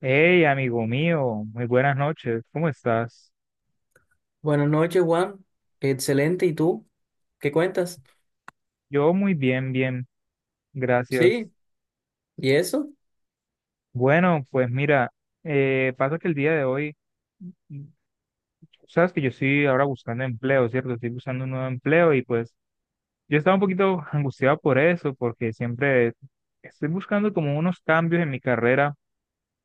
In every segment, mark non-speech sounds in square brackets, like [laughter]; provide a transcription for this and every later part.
Hey, amigo mío, muy buenas noches, ¿cómo estás? Buenas noches, Juan. Excelente. ¿Y tú? ¿Qué cuentas? Yo muy bien, bien, gracias. Sí. ¿Y eso? Bueno, pues mira, pasa que el día de hoy, mm, sabes que yo estoy ahora buscando empleo, ¿cierto? Estoy buscando un nuevo empleo y pues yo estaba un poquito [laughs] angustiado por eso, porque siempre estoy buscando como unos cambios en mi carrera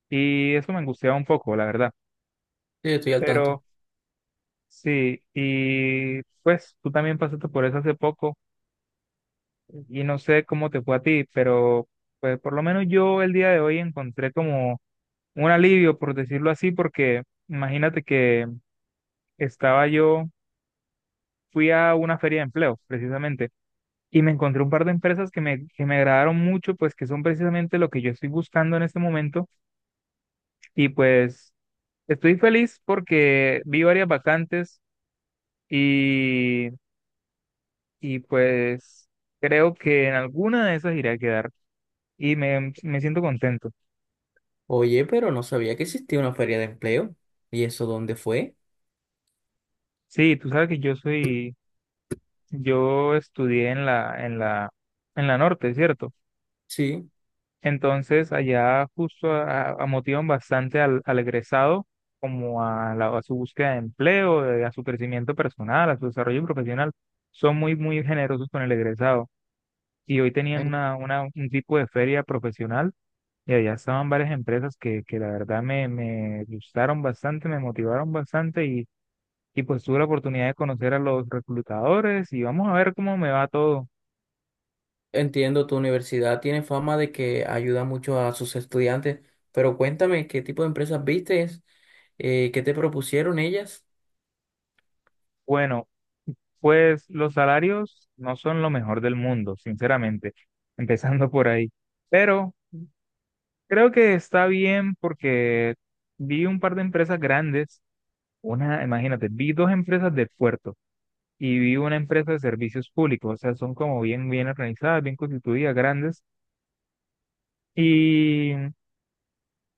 y eso me angustiaba un poco, la verdad. Sí, estoy al tanto. Pero sí, y pues tú también pasaste por eso hace poco. Y no sé cómo te fue a ti, pero pues por lo menos yo el día de hoy encontré como un alivio, por decirlo así, porque imagínate que estaba yo, fui a una feria de empleo, precisamente, y me encontré un par de empresas que que me agradaron mucho, pues que son precisamente lo que yo estoy buscando en este momento, y pues estoy feliz porque vi varias vacantes y, y pues creo que en alguna de esas iré a quedar y me siento contento. Oye, pero no sabía que existía una feria de empleo. ¿Y eso dónde fue? Sí, tú sabes que yo soy, yo estudié en la norte, ¿cierto? Sí. Entonces allá justo motivan bastante al egresado como a, a su búsqueda de empleo, a su crecimiento personal, a su desarrollo profesional. Son muy, muy generosos con el egresado. Y hoy tenían un tipo de feria profesional y allá estaban varias empresas que la verdad me gustaron bastante, me motivaron bastante y pues tuve la oportunidad de conocer a los reclutadores y vamos a ver cómo me va todo. Entiendo, tu universidad tiene fama de que ayuda mucho a sus estudiantes, pero cuéntame, ¿qué tipo de empresas viste? ¿Qué te propusieron ellas? Bueno, pues los salarios no son lo mejor del mundo, sinceramente, [laughs] empezando por ahí. Pero creo que está bien porque vi un par de empresas grandes, una, imagínate, vi dos empresas de puerto y vi una empresa de servicios públicos, o sea, son como bien, bien organizadas, bien constituidas, grandes. Y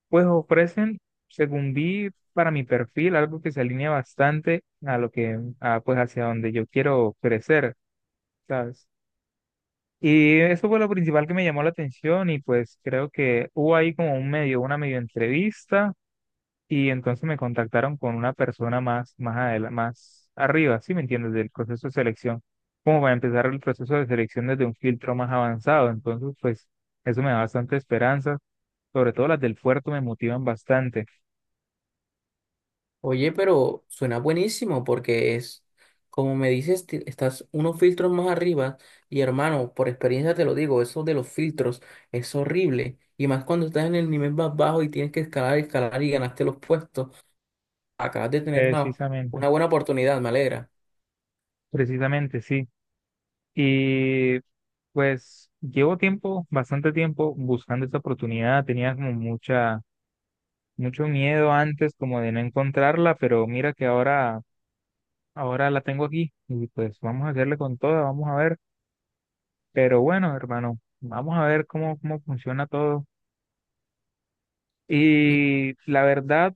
pues ofrecen, según vi, para mi perfil, algo que se alinea bastante a lo que, a, pues hacia donde yo quiero crecer, ¿sabes? Y eso fue lo principal que me llamó la atención y pues creo que hubo ahí como un medio, una medio entrevista y entonces me contactaron con una persona más, más arriba, ¿sí me entiendes? Del proceso de selección, como para empezar el proceso de selección desde un filtro más avanzado. Entonces, pues eso me da bastante esperanza, sobre todo las del puerto me motivan bastante. Oye, pero suena buenísimo porque es, como me dices, estás unos filtros más arriba y hermano, por experiencia te lo digo, eso de los filtros es horrible. Y más cuando estás en el nivel más bajo y tienes que escalar, escalar y ganaste los puestos, acabas de tener Precisamente, una buena oportunidad, me alegra. precisamente, sí. Y pues llevo tiempo, bastante tiempo buscando esta oportunidad. Tenía como mucho miedo antes como de no encontrarla, pero mira que ahora, ahora la tengo aquí y pues vamos a hacerle con toda, vamos a ver. Pero bueno, hermano, vamos a ver cómo funciona todo. Y Y la verdad,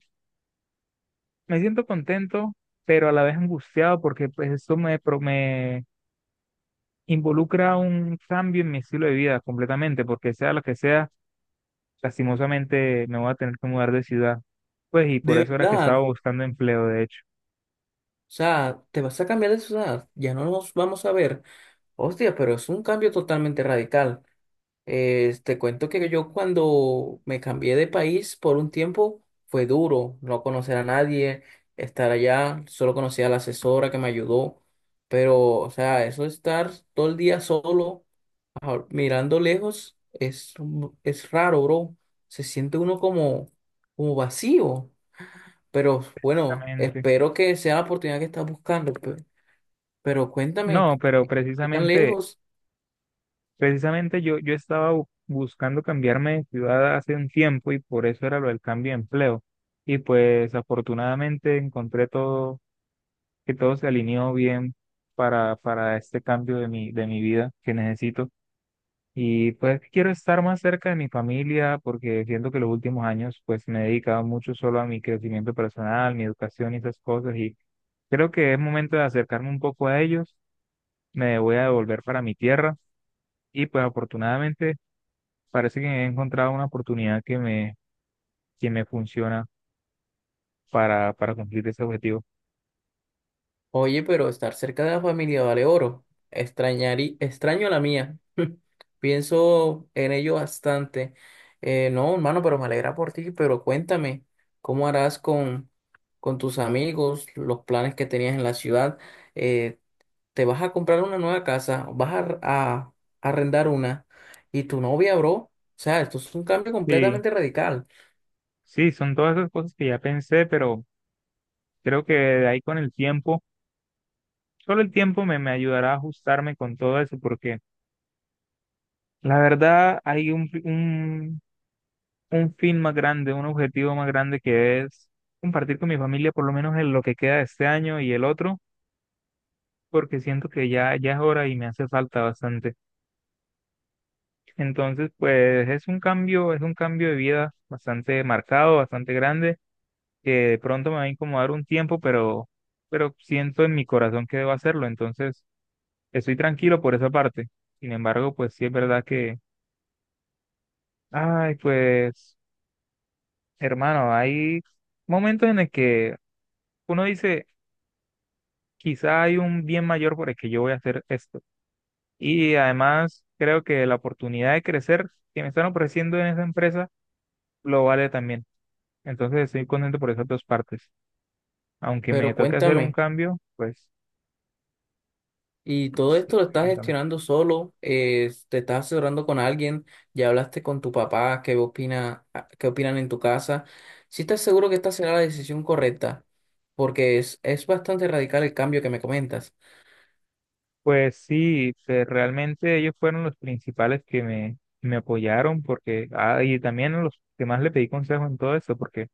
me siento contento, pero a la vez angustiado porque pues esto me involucra un cambio en mi estilo de vida completamente, porque sea lo que sea, lastimosamente me voy a tener que mudar de ciudad. Pues y por de eso era que estaba verdad, o buscando empleo, de hecho. sea, te vas a cambiar de ciudad, ya no nos vamos a ver. Hostia, pero es un cambio totalmente radical. Te cuento que yo cuando me cambié de país por un tiempo fue duro, no conocer a nadie, estar allá, solo conocía a la asesora que me ayudó, pero o sea, eso de estar todo el día solo, mirando lejos, es, es raro, bro. Se siente uno como, como vacío, pero bueno, Precisamente. espero que sea la oportunidad que estás buscando. Pero cuéntame, No, ¿qué pero qué tan precisamente, lejos? precisamente yo estaba buscando cambiarme de ciudad hace un tiempo y por eso era lo del cambio de empleo. Y pues afortunadamente encontré todo, que todo se alineó bien para este cambio de de mi vida que necesito. Y pues quiero estar más cerca de mi familia porque siento que los últimos años pues me he dedicado mucho solo a mi crecimiento personal, mi educación y esas cosas y creo que es momento de acercarme un poco a ellos. Me voy a devolver para mi tierra y pues afortunadamente parece que he encontrado una oportunidad que que me funciona para cumplir ese objetivo. Oye, pero estar cerca de la familia vale oro. Extraño a la mía. [laughs] Pienso en ello bastante. No, hermano, pero me alegra por ti. Pero cuéntame, ¿cómo harás con tus amigos, los planes que tenías en la ciudad? Eh, ¿Te vas a comprar una nueva casa? ¿Vas a arrendar una? ¿Y tu novia, bro? O sea, esto es un cambio Sí, completamente radical. sí, son todas esas cosas que ya pensé, pero creo que de ahí con el tiempo, solo el tiempo me ayudará a ajustarme con todo eso porque... La verdad, hay un un fin más grande, un objetivo más grande que es compartir con mi familia por lo menos en lo que queda de este año y el otro, porque siento que ya, ya es hora y me hace falta bastante. Entonces, pues es un cambio de vida bastante marcado, bastante grande, que de pronto me va a incomodar un tiempo, pero siento en mi corazón que debo hacerlo. Entonces, estoy tranquilo por esa parte. Sin embargo, pues sí es verdad que, ay, pues. Hermano, hay momentos en el que uno dice, quizá hay un bien mayor por el que yo voy a hacer esto. Y además, creo que la oportunidad de crecer que me están ofreciendo en esa empresa lo vale también. Entonces, estoy contento por esas dos partes. Aunque me Pero toque hacer un cuéntame. cambio, pues Y todo sí, esto lo estás pregúntame. gestionando solo, te estás asesorando con alguien, ya hablaste con tu papá, qué opina, qué opinan en tu casa. Si estás seguro que esta será la decisión correcta, porque es bastante radical el cambio que me comentas. Pues sí, que realmente ellos fueron los principales que me apoyaron porque, ah, y también los que más le pedí consejo en todo esto, porque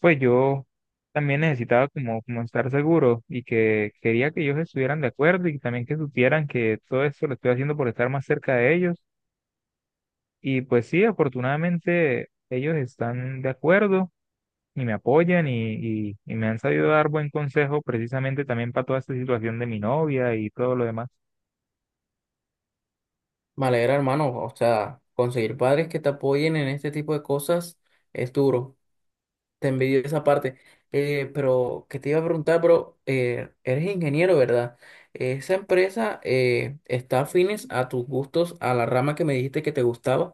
pues yo también necesitaba como, como estar seguro y que quería que ellos estuvieran de acuerdo y también que supieran que todo esto lo estoy haciendo por estar más cerca de ellos. Y pues sí, afortunadamente ellos están de acuerdo y me apoyan y y me han sabido dar buen consejo precisamente también para toda esta situación de mi novia y todo lo demás. Me alegra, hermano, o sea, conseguir padres que te apoyen en este tipo de cosas es duro. Te envidio esa parte. Pero que te iba a preguntar, bro, eres ingeniero, ¿verdad? ¿Esa empresa está afines a tus gustos, a la rama que me dijiste que te gustaba?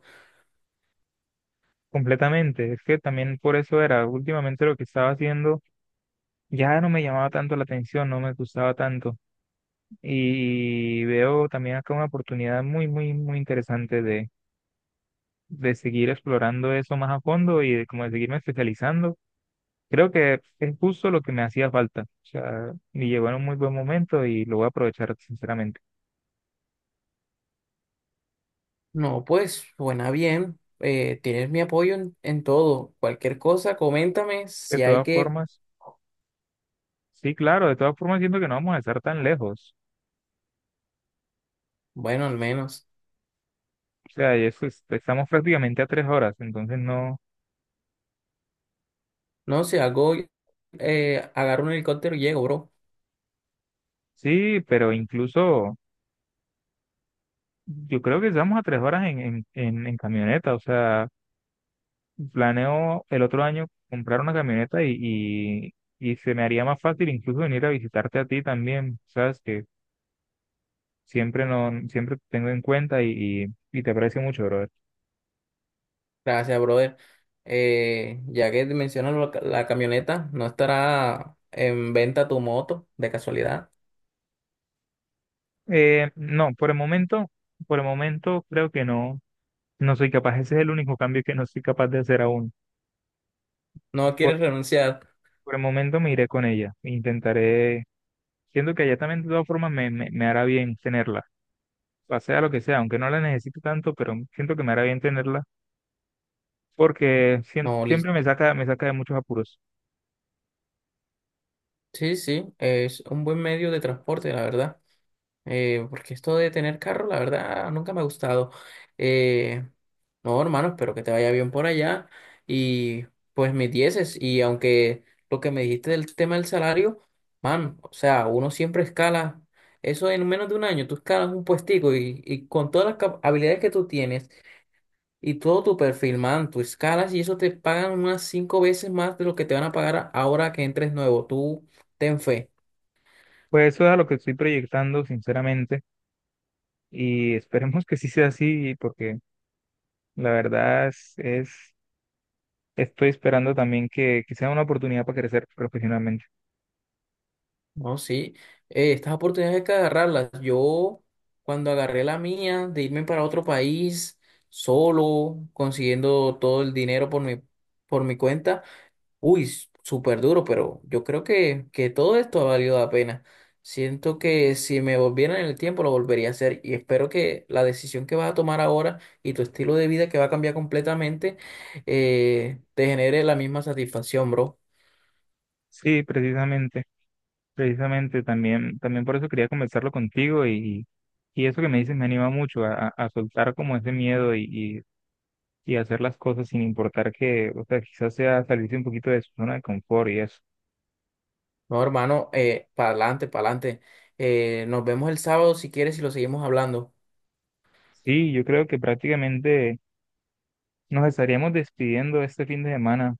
Completamente, es que también por eso era, últimamente lo que estaba haciendo ya no me llamaba tanto la atención, no me gustaba tanto. Y veo también acá una oportunidad muy, muy, muy interesante de seguir explorando eso más a fondo y de, como de seguirme especializando. Creo que es justo lo que me hacía falta. O sea, me llegó en un muy buen momento y lo voy a aprovechar sinceramente. No, pues suena bien. Eh, tienes mi apoyo en todo. Cualquier cosa, coméntame De si hay todas que, formas, sí, claro, de todas formas siento que no vamos a estar tan lejos. bueno, al menos. O sea, y estamos prácticamente a 3 horas, entonces no, No, si hago, agarro un helicóptero y llego, bro. sí, pero incluso yo creo que estamos a 3 horas en en camioneta, o sea... Planeo el otro año comprar una camioneta y y se me haría más fácil incluso venir a visitarte a ti también, sabes que siempre no, siempre te tengo en cuenta y y te aprecio mucho, brother. Gracias, brother. Ya que mencionas la camioneta, ¿no estará en venta tu moto de casualidad? No, por el momento creo que no, no soy capaz, ese es el único cambio que no soy capaz de hacer aún. No Por, quieres renunciar. por el momento me iré con ella, intentaré, siento que ella también de todas formas me hará bien tenerla. O sea lo que sea, aunque no la necesito tanto, pero siento que me hará bien tenerla porque No, siempre listo. Me saca de muchos apuros. Sí, sí, es un buen medio de transporte, la verdad. Porque esto de tener carro, la verdad, nunca me ha gustado. Eh, no, hermano, espero que te vaya bien por allá. Y pues mis dieces. Y aunque lo que me dijiste del tema del salario, man, o sea, uno siempre escala. Eso en menos de un año, tú escalas un puestico y con todas las habilidades que tú tienes y todo tu perfil, man, tus escalas, y eso te pagan unas cinco veces más de lo que te van a pagar ahora que entres nuevo. Tú ten fe, Pues eso es a lo que estoy proyectando, sinceramente, y esperemos que sí sea así, porque la verdad estoy esperando también que sea una oportunidad para crecer profesionalmente. ¿no? Sí, estas oportunidades hay que agarrarlas. Yo, cuando agarré la mía de irme para otro país solo, consiguiendo todo el dinero por mi cuenta, Uy, súper duro, pero yo creo que todo esto ha valido la pena. Siento que si me volviera en el tiempo lo volvería a hacer y espero que la decisión que vas a tomar ahora y tu estilo de vida que va a cambiar completamente te genere la misma satisfacción, bro. Sí, precisamente, precisamente, también, también por eso quería conversarlo contigo y eso que me dices me anima mucho a, a soltar como ese miedo y y hacer las cosas sin importar que, o sea, quizás sea salirse un poquito de su zona de confort y eso. No, hermano, para adelante, para adelante. Nos vemos el sábado si quieres y lo seguimos hablando. Sí, yo creo que prácticamente nos estaríamos despidiendo este fin de semana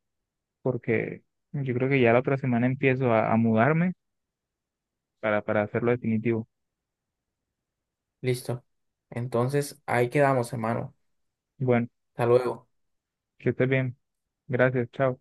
porque yo creo que ya la otra semana empiezo a mudarme para hacerlo definitivo. Listo. Entonces, ahí quedamos, hermano. Bueno, Hasta luego. que estés bien. Gracias, chao.